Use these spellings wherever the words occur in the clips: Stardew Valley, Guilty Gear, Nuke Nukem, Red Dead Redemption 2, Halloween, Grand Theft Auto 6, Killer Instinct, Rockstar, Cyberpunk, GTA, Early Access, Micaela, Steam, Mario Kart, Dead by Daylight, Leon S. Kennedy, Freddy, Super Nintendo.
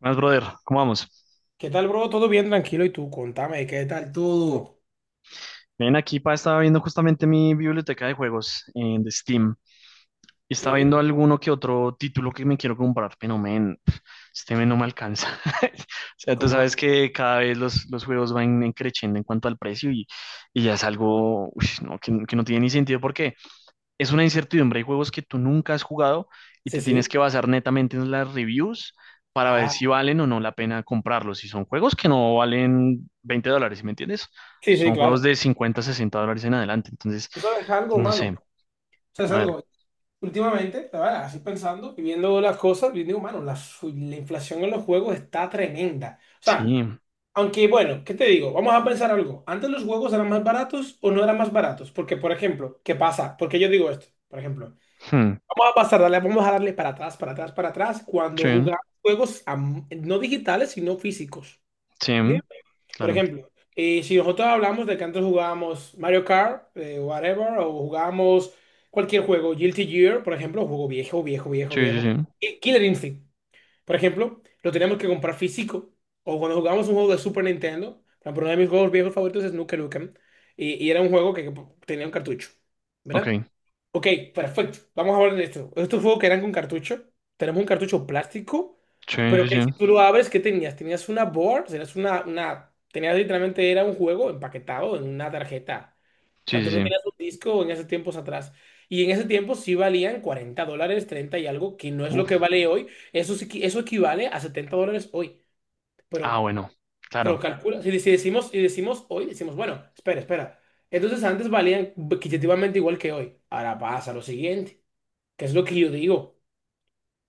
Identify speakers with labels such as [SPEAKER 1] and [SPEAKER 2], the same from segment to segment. [SPEAKER 1] Más, brother, ¿cómo vamos?
[SPEAKER 2] ¿Qué tal, bro? Todo bien, tranquilo. ¿Y tú? Contame, ¿qué tal todo?
[SPEAKER 1] Ven aquí, pa, estaba viendo justamente mi biblioteca de juegos de Steam y estaba viendo
[SPEAKER 2] Ok.
[SPEAKER 1] alguno que otro título que me quiero comprar, pero men, este men no me alcanza. O sea, tú
[SPEAKER 2] ¿Cómo
[SPEAKER 1] sabes
[SPEAKER 2] va?
[SPEAKER 1] que cada vez los juegos van en creciendo en cuanto al precio y ya es algo uy, no, que no tiene ni sentido. ¿Por qué? Es una incertidumbre. Hay juegos que tú nunca has jugado y
[SPEAKER 2] Sí,
[SPEAKER 1] te tienes
[SPEAKER 2] sí.
[SPEAKER 1] que basar netamente en las reviews para ver
[SPEAKER 2] Ah,
[SPEAKER 1] si valen o no la pena comprarlos. Y son juegos que no valen $20, ¿sí? ¿Me entiendes?
[SPEAKER 2] sí, sí,
[SPEAKER 1] Son juegos
[SPEAKER 2] claro.
[SPEAKER 1] de $50 $60 en adelante. Entonces,
[SPEAKER 2] ¿Tú sabes algo,
[SPEAKER 1] no
[SPEAKER 2] mano?
[SPEAKER 1] sé.
[SPEAKER 2] ¿Sabes
[SPEAKER 1] A ver,
[SPEAKER 2] algo? Últimamente, la verdad, así pensando y viendo las cosas, yo digo, mano, la inflación en los juegos está tremenda. O sea,
[SPEAKER 1] sí.
[SPEAKER 2] aunque, bueno, ¿qué te digo? Vamos a pensar algo. ¿Antes los juegos eran más baratos o no eran más baratos? Porque, por ejemplo, ¿qué pasa? Porque yo digo esto, por ejemplo.
[SPEAKER 1] hmm,
[SPEAKER 2] Vamos a pasar, dale, vamos a darle para atrás, para atrás, para atrás,
[SPEAKER 1] Sí,
[SPEAKER 2] cuando jugaba juegos no digitales, sino físicos.
[SPEAKER 1] sí,
[SPEAKER 2] Bien. Por
[SPEAKER 1] claro.
[SPEAKER 2] ejemplo, si nosotros hablamos de que antes jugábamos Mario Kart, whatever, o jugábamos cualquier juego, Guilty Gear, por ejemplo, juego viejo, viejo, viejo,
[SPEAKER 1] Sí, sí,
[SPEAKER 2] viejo.
[SPEAKER 1] sí.
[SPEAKER 2] Y Killer Instinct. Por ejemplo, lo teníamos que comprar físico. O cuando jugábamos un juego de Super Nintendo, por ejemplo, uno de mis juegos viejos favoritos es Nuke Nukem. Y era un juego que tenía un cartucho.
[SPEAKER 1] Ok.
[SPEAKER 2] ¿Verdad? Ok, perfecto. Vamos a hablar de esto. Estos juegos que eran con cartucho. Tenemos un cartucho plástico,
[SPEAKER 1] Sí,
[SPEAKER 2] pero
[SPEAKER 1] sí,
[SPEAKER 2] que si tú
[SPEAKER 1] sí.
[SPEAKER 2] lo abres, ¿qué tenías? Tenías una board, tenías tenías literalmente, era un juego empaquetado en una tarjeta. O
[SPEAKER 1] Sí,
[SPEAKER 2] sea,
[SPEAKER 1] sí,
[SPEAKER 2] tú no
[SPEAKER 1] sí.
[SPEAKER 2] tenías un disco en esos tiempos atrás. Y en ese tiempo sí valían $40, 30 y algo, que no es lo que
[SPEAKER 1] Uf.
[SPEAKER 2] vale hoy. Eso equivale a $70 hoy.
[SPEAKER 1] Ah,
[SPEAKER 2] Pero,
[SPEAKER 1] bueno.
[SPEAKER 2] pero
[SPEAKER 1] Claro,
[SPEAKER 2] calcula, si decimos, si decimos hoy, decimos, bueno, espera, espera. Entonces antes valían equitativamente igual que hoy. Ahora pasa lo siguiente, que es lo que yo digo,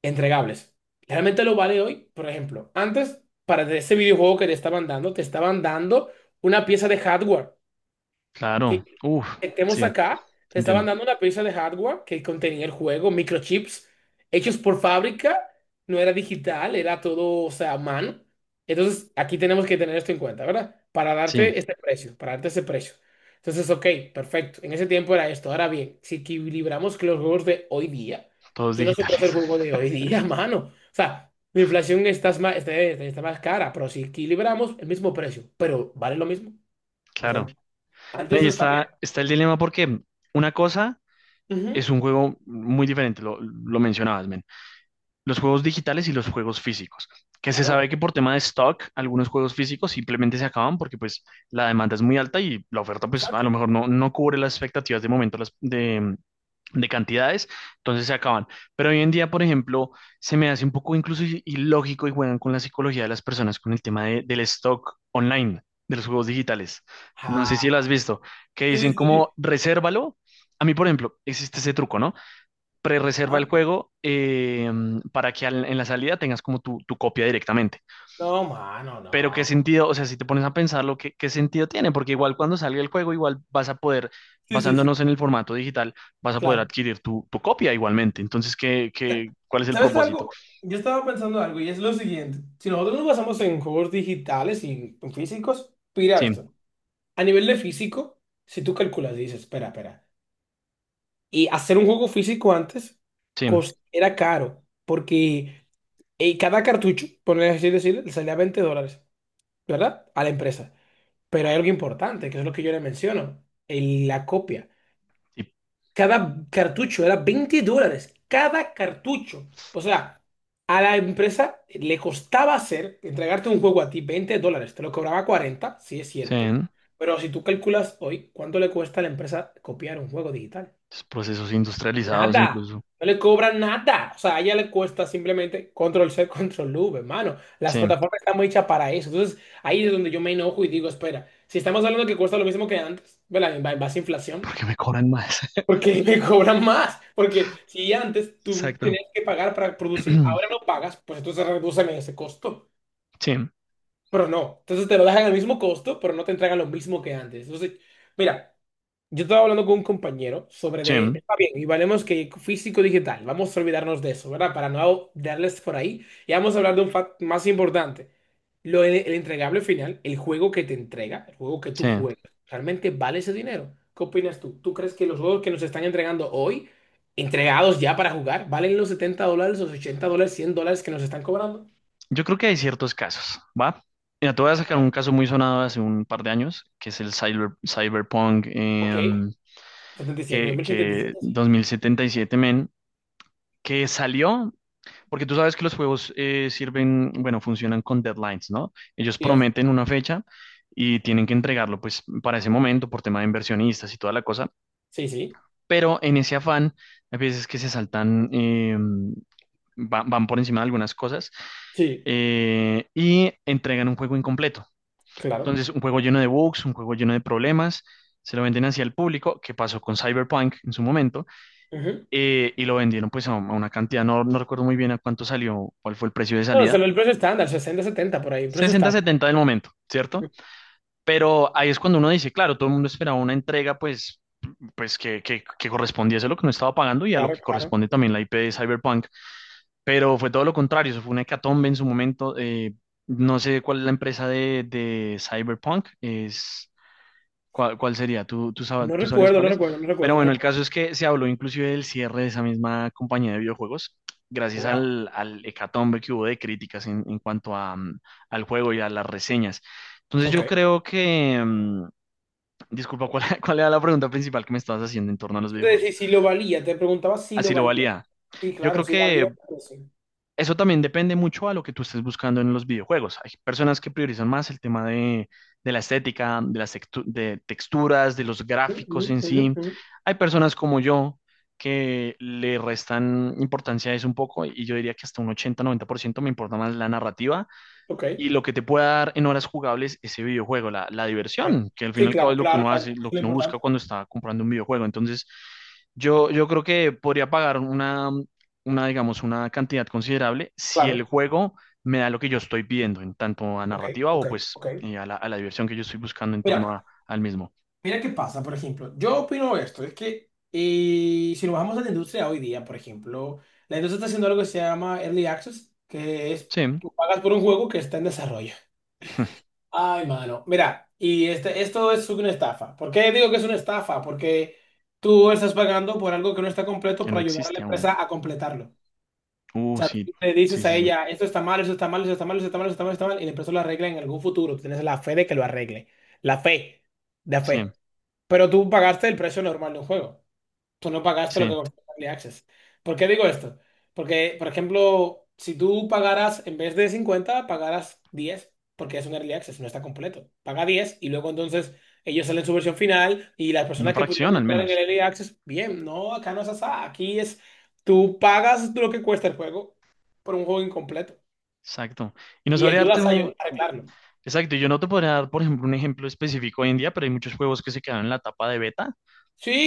[SPEAKER 2] entregables. Realmente lo vale hoy, por ejemplo, antes para ese videojuego que te estaban dando una pieza de hardware
[SPEAKER 1] claro.
[SPEAKER 2] que
[SPEAKER 1] Uf,
[SPEAKER 2] estemos
[SPEAKER 1] sí,
[SPEAKER 2] acá,
[SPEAKER 1] te
[SPEAKER 2] te estaban
[SPEAKER 1] entiendo.
[SPEAKER 2] dando una pieza de hardware que contenía el juego, microchips hechos por fábrica, no era digital, era todo, o sea, a mano. Entonces, aquí tenemos que tener esto en cuenta, ¿verdad? Para
[SPEAKER 1] Sí,
[SPEAKER 2] darte este precio, para darte ese precio. Entonces, ok, perfecto. En ese tiempo era esto. Ahora bien, si equilibramos con los juegos de hoy día,
[SPEAKER 1] todos
[SPEAKER 2] ¿quién no se puede
[SPEAKER 1] digitales.
[SPEAKER 2] hacer juego de hoy día, mano? O sea, la inflación está más cara, pero si equilibramos el mismo precio, pero vale lo mismo. O sea,
[SPEAKER 1] Claro. No,
[SPEAKER 2] antes
[SPEAKER 1] y
[SPEAKER 2] eso está bien.
[SPEAKER 1] está, está el dilema porque una cosa
[SPEAKER 2] Ujú,
[SPEAKER 1] es un juego muy diferente, lo mencionabas, men, los juegos digitales y los juegos físicos, que se
[SPEAKER 2] claro,
[SPEAKER 1] sabe que por tema de stock, algunos juegos físicos simplemente se acaban porque pues la demanda es muy alta y la oferta pues a lo
[SPEAKER 2] exacto.
[SPEAKER 1] mejor no, no cubre las expectativas de momento las, de cantidades, entonces se acaban. Pero hoy en día, por ejemplo, se me hace un poco incluso i- ilógico y juegan con la psicología de las personas con el tema de- del stock online, de los juegos digitales. No sé si lo has
[SPEAKER 2] Ah,
[SPEAKER 1] visto, que dicen
[SPEAKER 2] sí, sí.
[SPEAKER 1] como resérvalo. A mí, por ejemplo, existe ese truco, ¿no? Pre-reserva el
[SPEAKER 2] Ah,
[SPEAKER 1] juego para que al- en la salida tengas como tu copia directamente.
[SPEAKER 2] no, mano,
[SPEAKER 1] Pero qué
[SPEAKER 2] no.
[SPEAKER 1] sentido, o sea, si te pones a pensarlo, ¿qué, qué sentido tiene? Porque igual cuando salga el juego, igual vas a poder,
[SPEAKER 2] Sí, sí, sí,
[SPEAKER 1] basándonos en el formato digital, vas a poder
[SPEAKER 2] claro.
[SPEAKER 1] adquirir tu, tu copia igualmente. Entonces, ¿qué, qué, cuál es el
[SPEAKER 2] ¿Sabes
[SPEAKER 1] propósito?
[SPEAKER 2] algo? Yo estaba pensando algo y es lo siguiente. Si nosotros nos basamos en juegos digitales y en físicos, mira
[SPEAKER 1] Sí,
[SPEAKER 2] esto. A nivel de físico, si tú calculas y dices, espera, espera. Y hacer un juego físico antes
[SPEAKER 1] sí,
[SPEAKER 2] era caro porque cada cartucho, por así decirlo, le salía $20, ¿verdad? A la empresa. Pero hay algo importante, que es lo que yo le menciono, la copia.
[SPEAKER 1] sí,
[SPEAKER 2] Cada cartucho era $20, cada cartucho. O sea, a la empresa le costaba hacer, entregarte un juego a ti $20, te lo cobraba 40, sí es
[SPEAKER 1] sí.
[SPEAKER 2] cierto, pero si tú calculas hoy cuánto le cuesta a la empresa copiar un juego digital,
[SPEAKER 1] Los procesos industrializados
[SPEAKER 2] nada,
[SPEAKER 1] incluso.
[SPEAKER 2] no le cobran nada. O sea, a ella le cuesta simplemente control C, control V, hermano. Las
[SPEAKER 1] Sí,
[SPEAKER 2] plataformas están muy hechas para eso. Entonces, ahí es donde yo me enojo y digo, espera, si estamos hablando que cuesta lo mismo que antes, ¿verdad? En base a inflación.
[SPEAKER 1] porque me cobran más.
[SPEAKER 2] Porque me cobran más. Porque si antes tú
[SPEAKER 1] Exacto.
[SPEAKER 2] tenías que pagar para producir, ahora no pagas, pues entonces reducen ese costo.
[SPEAKER 1] Sí,
[SPEAKER 2] Pero no. Entonces te lo dejan al mismo costo, pero no te entregan lo mismo que antes. Entonces, mira, yo estaba hablando con un compañero sobre
[SPEAKER 1] sí,
[SPEAKER 2] de, está bien, y valemos que físico digital, vamos a olvidarnos de eso, ¿verdad? Para no darles por ahí, y vamos a hablar de un fact más importante. El entregable final, el juego que te entrega, el juego que tú
[SPEAKER 1] sí.
[SPEAKER 2] juegas, ¿realmente vale ese dinero? ¿Qué opinas tú? ¿Tú crees que los juegos que nos están entregando hoy, entregados ya para jugar, valen los $70, los $80, $100 que nos están cobrando?
[SPEAKER 1] Yo creo que hay ciertos casos, ¿va? Mira, te voy a sacar un caso muy sonado hace un par de años, que es el cyber, Cyberpunk
[SPEAKER 2] Ok, 77,
[SPEAKER 1] que
[SPEAKER 2] 2077, sí.
[SPEAKER 1] 2077 men, que salió, porque tú sabes que los juegos sirven, bueno, funcionan con deadlines, ¿no? Ellos
[SPEAKER 2] Yes.
[SPEAKER 1] prometen una fecha y tienen que entregarlo, pues, para ese momento, por tema de inversionistas y toda la cosa,
[SPEAKER 2] Sí, sí,
[SPEAKER 1] pero en ese afán, hay veces que se saltan, va- van por encima de algunas cosas
[SPEAKER 2] sí,
[SPEAKER 1] y entregan un juego incompleto.
[SPEAKER 2] claro.
[SPEAKER 1] Entonces, un juego lleno de bugs, un juego lleno de problemas, se lo venden hacia el público, que pasó con Cyberpunk en su momento, y lo vendieron pues a una cantidad, no, no recuerdo muy bien a cuánto salió, cuál fue el precio de
[SPEAKER 2] No,
[SPEAKER 1] salida,
[SPEAKER 2] solo el precio estándar, 60, 70 por ahí, precio
[SPEAKER 1] 60,
[SPEAKER 2] estándar.
[SPEAKER 1] 70 del momento, ¿cierto? Pero ahí es cuando uno dice, claro, todo el mundo esperaba una entrega pues, pues que correspondía a lo que no estaba pagando y a lo
[SPEAKER 2] Claro,
[SPEAKER 1] que
[SPEAKER 2] claro.
[SPEAKER 1] corresponde también la IP de Cyberpunk, pero fue todo lo contrario, eso fue una hecatombe en su momento, no sé cuál es la empresa de Cyberpunk, es ¿Cuál, cuál sería? ¿Tú, tú, sab-
[SPEAKER 2] No
[SPEAKER 1] tú sabrías
[SPEAKER 2] recuerdo,
[SPEAKER 1] cuál
[SPEAKER 2] no
[SPEAKER 1] es?
[SPEAKER 2] recuerdo, no
[SPEAKER 1] Pero
[SPEAKER 2] recuerdo, no
[SPEAKER 1] bueno, el
[SPEAKER 2] recuerdo.
[SPEAKER 1] caso es que se habló inclusive del cierre de esa misma compañía de videojuegos, gracias
[SPEAKER 2] Wow,
[SPEAKER 1] al, al hecatombe que hubo de críticas en cuanto a, al juego y a las reseñas. Entonces
[SPEAKER 2] ok.
[SPEAKER 1] yo creo que, disculpa, ¿cuál, cuál era la pregunta principal que me estabas haciendo en torno a los
[SPEAKER 2] Entonces, si,
[SPEAKER 1] videojuegos?
[SPEAKER 2] si lo valía, te preguntaba si
[SPEAKER 1] Así
[SPEAKER 2] lo
[SPEAKER 1] lo
[SPEAKER 2] valía.
[SPEAKER 1] valía.
[SPEAKER 2] Sí,
[SPEAKER 1] Yo
[SPEAKER 2] claro,
[SPEAKER 1] creo
[SPEAKER 2] si valía.
[SPEAKER 1] que
[SPEAKER 2] Pues sí.
[SPEAKER 1] eso también depende mucho a lo que tú estés buscando en los videojuegos. Hay personas que priorizan más el tema de la estética, de las textu- de texturas, de los
[SPEAKER 2] Ujú,
[SPEAKER 1] gráficos en
[SPEAKER 2] ujú,
[SPEAKER 1] sí.
[SPEAKER 2] ujú.
[SPEAKER 1] Hay personas como yo que le restan importancia a eso un poco y yo diría que hasta un 80-90% me importa más la narrativa
[SPEAKER 2] Ok,
[SPEAKER 1] y lo que te pueda dar en horas jugables ese videojuego, la
[SPEAKER 2] ok.
[SPEAKER 1] diversión, que al fin y
[SPEAKER 2] Sí,
[SPEAKER 1] al cabo
[SPEAKER 2] claro,
[SPEAKER 1] es lo que
[SPEAKER 2] claro,
[SPEAKER 1] uno
[SPEAKER 2] claro.
[SPEAKER 1] hace,
[SPEAKER 2] Eso
[SPEAKER 1] lo
[SPEAKER 2] es lo
[SPEAKER 1] que uno busca
[SPEAKER 2] importante.
[SPEAKER 1] cuando está comprando un videojuego. Entonces, yo creo que podría pagar una, digamos, una cantidad considerable si el
[SPEAKER 2] Claro,
[SPEAKER 1] juego me da lo que yo estoy pidiendo, en tanto a
[SPEAKER 2] ok,
[SPEAKER 1] narrativa
[SPEAKER 2] ok,
[SPEAKER 1] o pues
[SPEAKER 2] ok.
[SPEAKER 1] a la diversión que yo estoy buscando en
[SPEAKER 2] Mira,
[SPEAKER 1] torno a- al mismo.
[SPEAKER 2] mira qué pasa, por ejemplo. Yo opino esto, es que si nos bajamos a la industria hoy día, por ejemplo, la industria está haciendo algo que se llama Early Access, que es
[SPEAKER 1] Sí,
[SPEAKER 2] tú pagas por un juego que está en desarrollo. Ay, mano. Mira, esto es una estafa. ¿Por qué digo que es una estafa? Porque tú estás pagando por algo que no está completo
[SPEAKER 1] que no
[SPEAKER 2] para ayudar a la
[SPEAKER 1] existe aún.
[SPEAKER 2] empresa a completarlo. O sea,
[SPEAKER 1] Sí,
[SPEAKER 2] tú le
[SPEAKER 1] sí,
[SPEAKER 2] dices a
[SPEAKER 1] sí, sí,
[SPEAKER 2] ella, esto está mal, esto está mal, esto está mal, esto está mal, esto está mal, esto está mal, y la empresa lo arregla en algún futuro. Tú tienes la fe de que lo arregle. La fe, de
[SPEAKER 1] sí,
[SPEAKER 2] fe. Pero tú pagaste el precio normal de un juego. Tú no pagaste lo
[SPEAKER 1] sí,
[SPEAKER 2] que costó el Early Access. ¿Por qué digo esto? Porque, por ejemplo, si tú pagaras, en vez de 50 pagaras 10 porque es un Early Access, no está completo. Paga 10 y luego entonces ellos salen su versión final y las
[SPEAKER 1] una
[SPEAKER 2] personas que pudieron
[SPEAKER 1] fracción al
[SPEAKER 2] entrar en el
[SPEAKER 1] menos.
[SPEAKER 2] Early Access, bien, no, acá no es así. Aquí es, tú pagas lo que cuesta el juego por un juego incompleto
[SPEAKER 1] Exacto. Y no
[SPEAKER 2] y
[SPEAKER 1] sabría darte
[SPEAKER 2] ayudas a
[SPEAKER 1] un,
[SPEAKER 2] arreglarlo.
[SPEAKER 1] exacto, yo no te podría dar, por ejemplo, un ejemplo específico hoy en día, pero hay muchos juegos que se quedaron en la etapa de beta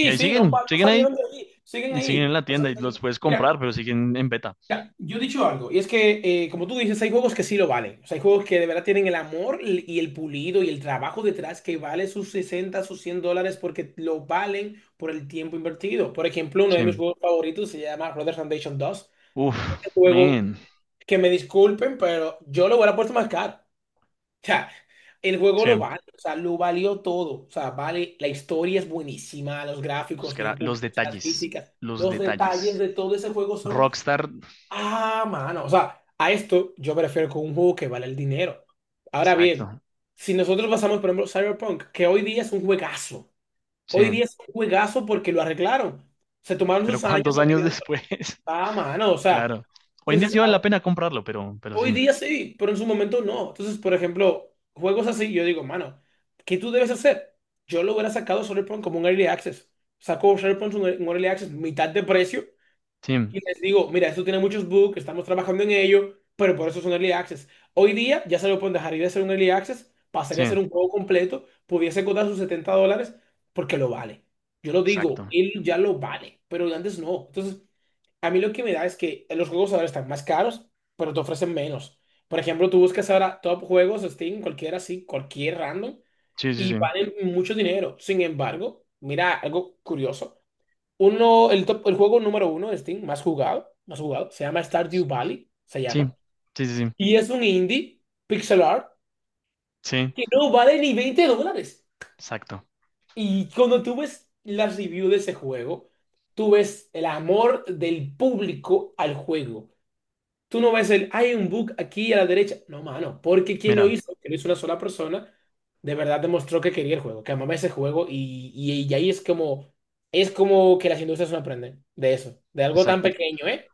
[SPEAKER 1] y ahí
[SPEAKER 2] sí, no,
[SPEAKER 1] siguen,
[SPEAKER 2] no
[SPEAKER 1] siguen
[SPEAKER 2] salieron
[SPEAKER 1] ahí,
[SPEAKER 2] de ahí, siguen
[SPEAKER 1] siguen en
[SPEAKER 2] ahí.
[SPEAKER 1] la
[SPEAKER 2] No
[SPEAKER 1] tienda y los
[SPEAKER 2] se-
[SPEAKER 1] puedes
[SPEAKER 2] Mira,
[SPEAKER 1] comprar, pero siguen en beta.
[SPEAKER 2] Mira, yo he dicho algo, y es que, como tú dices, hay juegos que sí lo valen. O sea, hay juegos que de verdad tienen el amor y el pulido y el trabajo detrás que vale sus 60 sus $100 porque lo valen por el tiempo invertido. Por ejemplo, uno de mis
[SPEAKER 1] Sí.
[SPEAKER 2] juegos favoritos se llama Red Dead Redemption 2.
[SPEAKER 1] Uf,
[SPEAKER 2] El juego,
[SPEAKER 1] man.
[SPEAKER 2] que me disculpen, pero yo lo hubiera puesto más caro. O sea, el juego
[SPEAKER 1] Sí.
[SPEAKER 2] lo vale, o sea, lo valió todo. O sea, vale, la historia es buenísima, los
[SPEAKER 1] Los,
[SPEAKER 2] gráficos
[SPEAKER 1] que era-
[SPEAKER 2] bien
[SPEAKER 1] los
[SPEAKER 2] pulidos, las
[SPEAKER 1] detalles,
[SPEAKER 2] físicas,
[SPEAKER 1] los
[SPEAKER 2] los detalles
[SPEAKER 1] detalles.
[SPEAKER 2] de todo ese juego son.
[SPEAKER 1] Rockstar,
[SPEAKER 2] Ah, mano. O sea, a esto yo prefiero con un juego que vale el dinero. Ahora
[SPEAKER 1] exacto.
[SPEAKER 2] bien, si nosotros pasamos, por ejemplo, Cyberpunk, que hoy día es un juegazo. Hoy
[SPEAKER 1] Sí.
[SPEAKER 2] día es un juegazo porque lo arreglaron. Se tomaron
[SPEAKER 1] Pero
[SPEAKER 2] sus
[SPEAKER 1] ¿cuántos
[SPEAKER 2] años
[SPEAKER 1] años
[SPEAKER 2] arreglando.
[SPEAKER 1] después?
[SPEAKER 2] Ah, mano. O sea,
[SPEAKER 1] Claro. Hoy en día sí
[SPEAKER 2] entonces,
[SPEAKER 1] vale la pena comprarlo, pero
[SPEAKER 2] hoy
[SPEAKER 1] sí.
[SPEAKER 2] día sí, pero en su momento no. Entonces, por ejemplo, juegos así, yo digo, mano, ¿qué tú debes hacer? Yo lo hubiera sacado Cyberpunk como un early access. Saco Cyberpunk un early access, mitad de precio.
[SPEAKER 1] Sí,
[SPEAKER 2] Y les digo, mira, esto tiene muchos bugs, estamos trabajando en ello, pero por eso es un early access. Hoy día ya se lo pueden dejar ir de ser un early access,
[SPEAKER 1] sí,
[SPEAKER 2] pasaría a ser un juego completo, pudiese costar sus $70 porque lo vale. Yo lo digo,
[SPEAKER 1] exacto.
[SPEAKER 2] él ya lo vale, pero antes no. Entonces, a mí lo que me da es que los juegos ahora están más caros, pero te ofrecen menos. Por ejemplo, tú buscas ahora top juegos, Steam, cualquiera así, cualquier random,
[SPEAKER 1] Sí, sí,
[SPEAKER 2] y
[SPEAKER 1] sí.
[SPEAKER 2] valen mucho dinero. Sin embargo, mira, algo curioso. Uno, el juego número uno de Steam, más jugado, se llama Stardew Valley, se
[SPEAKER 1] Sí,
[SPEAKER 2] llama.
[SPEAKER 1] sí, sí, sí.
[SPEAKER 2] Y es un indie, pixel art,
[SPEAKER 1] Sí,
[SPEAKER 2] que no vale ni $20.
[SPEAKER 1] exacto.
[SPEAKER 2] Y cuando tú ves las reviews de ese juego, tú ves el amor del público al juego. Tú no ves hay un bug aquí a la derecha. No, mano, porque quien lo
[SPEAKER 1] Mira,
[SPEAKER 2] hizo, que lo hizo una sola persona, de verdad demostró que quería el juego, que amaba ese juego. Y ahí es como que las industrias no aprenden de eso, de algo tan
[SPEAKER 1] exacto.
[SPEAKER 2] pequeño, ¿eh?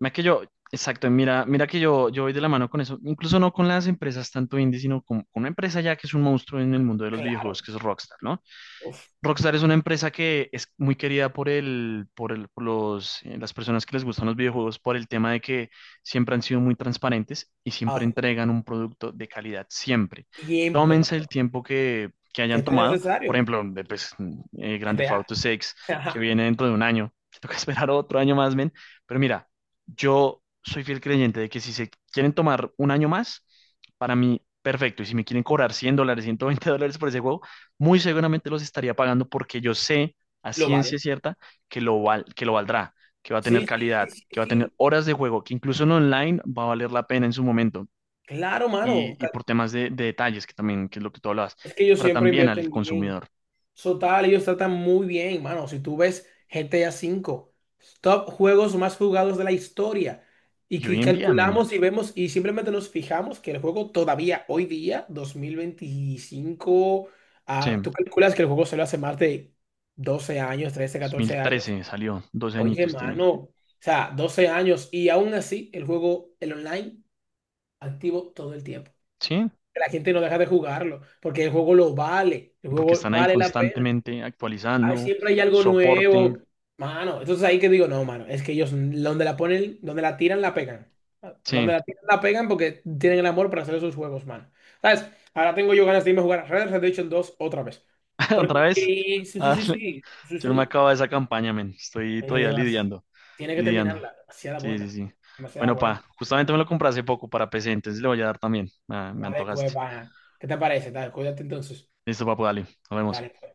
[SPEAKER 1] Mira que yo, exacto, mira, mira que yo voy de la mano con eso, incluso no con las empresas tanto indie, sino con una empresa ya que es un monstruo en el mundo de los
[SPEAKER 2] Claro,
[SPEAKER 1] videojuegos, que es Rockstar, ¿no?
[SPEAKER 2] uf,
[SPEAKER 1] Rockstar es una empresa que es muy querida por el, por el, por los, las personas que les gustan los videojuegos por el tema de que siempre han sido muy transparentes y siempre
[SPEAKER 2] hace
[SPEAKER 1] entregan un producto de calidad, siempre.
[SPEAKER 2] siempre, mano.
[SPEAKER 1] Tómense el tiempo que hayan
[SPEAKER 2] ¿Qué tan
[SPEAKER 1] tomado. Por
[SPEAKER 2] necesario?
[SPEAKER 1] ejemplo, de, pues, Grand Theft
[SPEAKER 2] GTA,
[SPEAKER 1] Auto 6, que
[SPEAKER 2] ajá,
[SPEAKER 1] viene dentro de un año, que toca esperar otro año más, men. Pero mira, yo soy fiel creyente de que si se quieren tomar un año más, para mí, perfecto. Y si me quieren cobrar $100, $120 por ese juego, muy seguramente los estaría pagando porque yo sé a
[SPEAKER 2] lo
[SPEAKER 1] ciencia
[SPEAKER 2] valen.
[SPEAKER 1] cierta que lo, val- que lo valdrá, que va a tener
[SPEAKER 2] Sí, sí, sí,
[SPEAKER 1] calidad,
[SPEAKER 2] sí,
[SPEAKER 1] que va a tener
[SPEAKER 2] sí,
[SPEAKER 1] horas de juego, que incluso en online va a valer la pena en su momento.
[SPEAKER 2] claro, mano.
[SPEAKER 1] Y por temas de detalles, que también, que es lo que tú hablabas,
[SPEAKER 2] Es que
[SPEAKER 1] que
[SPEAKER 2] ellos
[SPEAKER 1] tratan
[SPEAKER 2] siempre
[SPEAKER 1] bien al
[SPEAKER 2] invierten bien.
[SPEAKER 1] consumidor.
[SPEAKER 2] Total, ellos tratan muy bien, mano. Si tú ves GTA 5, top juegos más jugados de la historia, y
[SPEAKER 1] Y
[SPEAKER 2] que
[SPEAKER 1] hoy en día, men,
[SPEAKER 2] calculamos y vemos y simplemente nos fijamos que el juego todavía hoy día, 2025,
[SPEAKER 1] sí,
[SPEAKER 2] ah, tú calculas que el juego se lo hace más de 12 años, 13, 14 años.
[SPEAKER 1] 2013 salió, doce
[SPEAKER 2] Oye,
[SPEAKER 1] añitos tiene,
[SPEAKER 2] mano, o sea, 12 años y aún así el juego, el online, activo todo el tiempo.
[SPEAKER 1] sí,
[SPEAKER 2] La gente no deja de jugarlo porque el juego lo vale, el
[SPEAKER 1] y porque
[SPEAKER 2] juego
[SPEAKER 1] están ahí
[SPEAKER 2] vale la pena.
[SPEAKER 1] constantemente
[SPEAKER 2] Ay,
[SPEAKER 1] actualizando,
[SPEAKER 2] siempre hay algo
[SPEAKER 1] soporte,
[SPEAKER 2] nuevo, mano. Entonces ahí que digo, no, mano, es que ellos donde la ponen, donde la tiran, la pegan.
[SPEAKER 1] sí,
[SPEAKER 2] Donde la tiran, la pegan porque tienen el amor para hacer esos juegos, mano. ¿Sabes? Ahora tengo yo ganas de irme a jugar a Red Dead Redemption 2 otra vez. Porque
[SPEAKER 1] otra vez,
[SPEAKER 2] sí, sí,
[SPEAKER 1] a
[SPEAKER 2] sí,
[SPEAKER 1] darle.
[SPEAKER 2] sí, sí,
[SPEAKER 1] Yo no me
[SPEAKER 2] sí.
[SPEAKER 1] acabo de esa campaña, men, estoy
[SPEAKER 2] Y
[SPEAKER 1] todavía
[SPEAKER 2] demás.
[SPEAKER 1] lidiando
[SPEAKER 2] Tiene que
[SPEAKER 1] lidiando.
[SPEAKER 2] terminarla. Demasiada
[SPEAKER 1] Sí,
[SPEAKER 2] buena.
[SPEAKER 1] sí, sí.
[SPEAKER 2] Demasiada
[SPEAKER 1] Bueno,
[SPEAKER 2] buena.
[SPEAKER 1] pa, justamente me
[SPEAKER 2] Buena,
[SPEAKER 1] lo compré hace poco para PC, entonces le voy a dar también. Ah, me
[SPEAKER 2] dale, pues,
[SPEAKER 1] antojaste.
[SPEAKER 2] pana. ¿Qué te parece? Dale, cuídate entonces.
[SPEAKER 1] Listo, papu, dale. Nos
[SPEAKER 2] Dale,
[SPEAKER 1] vemos.
[SPEAKER 2] pues.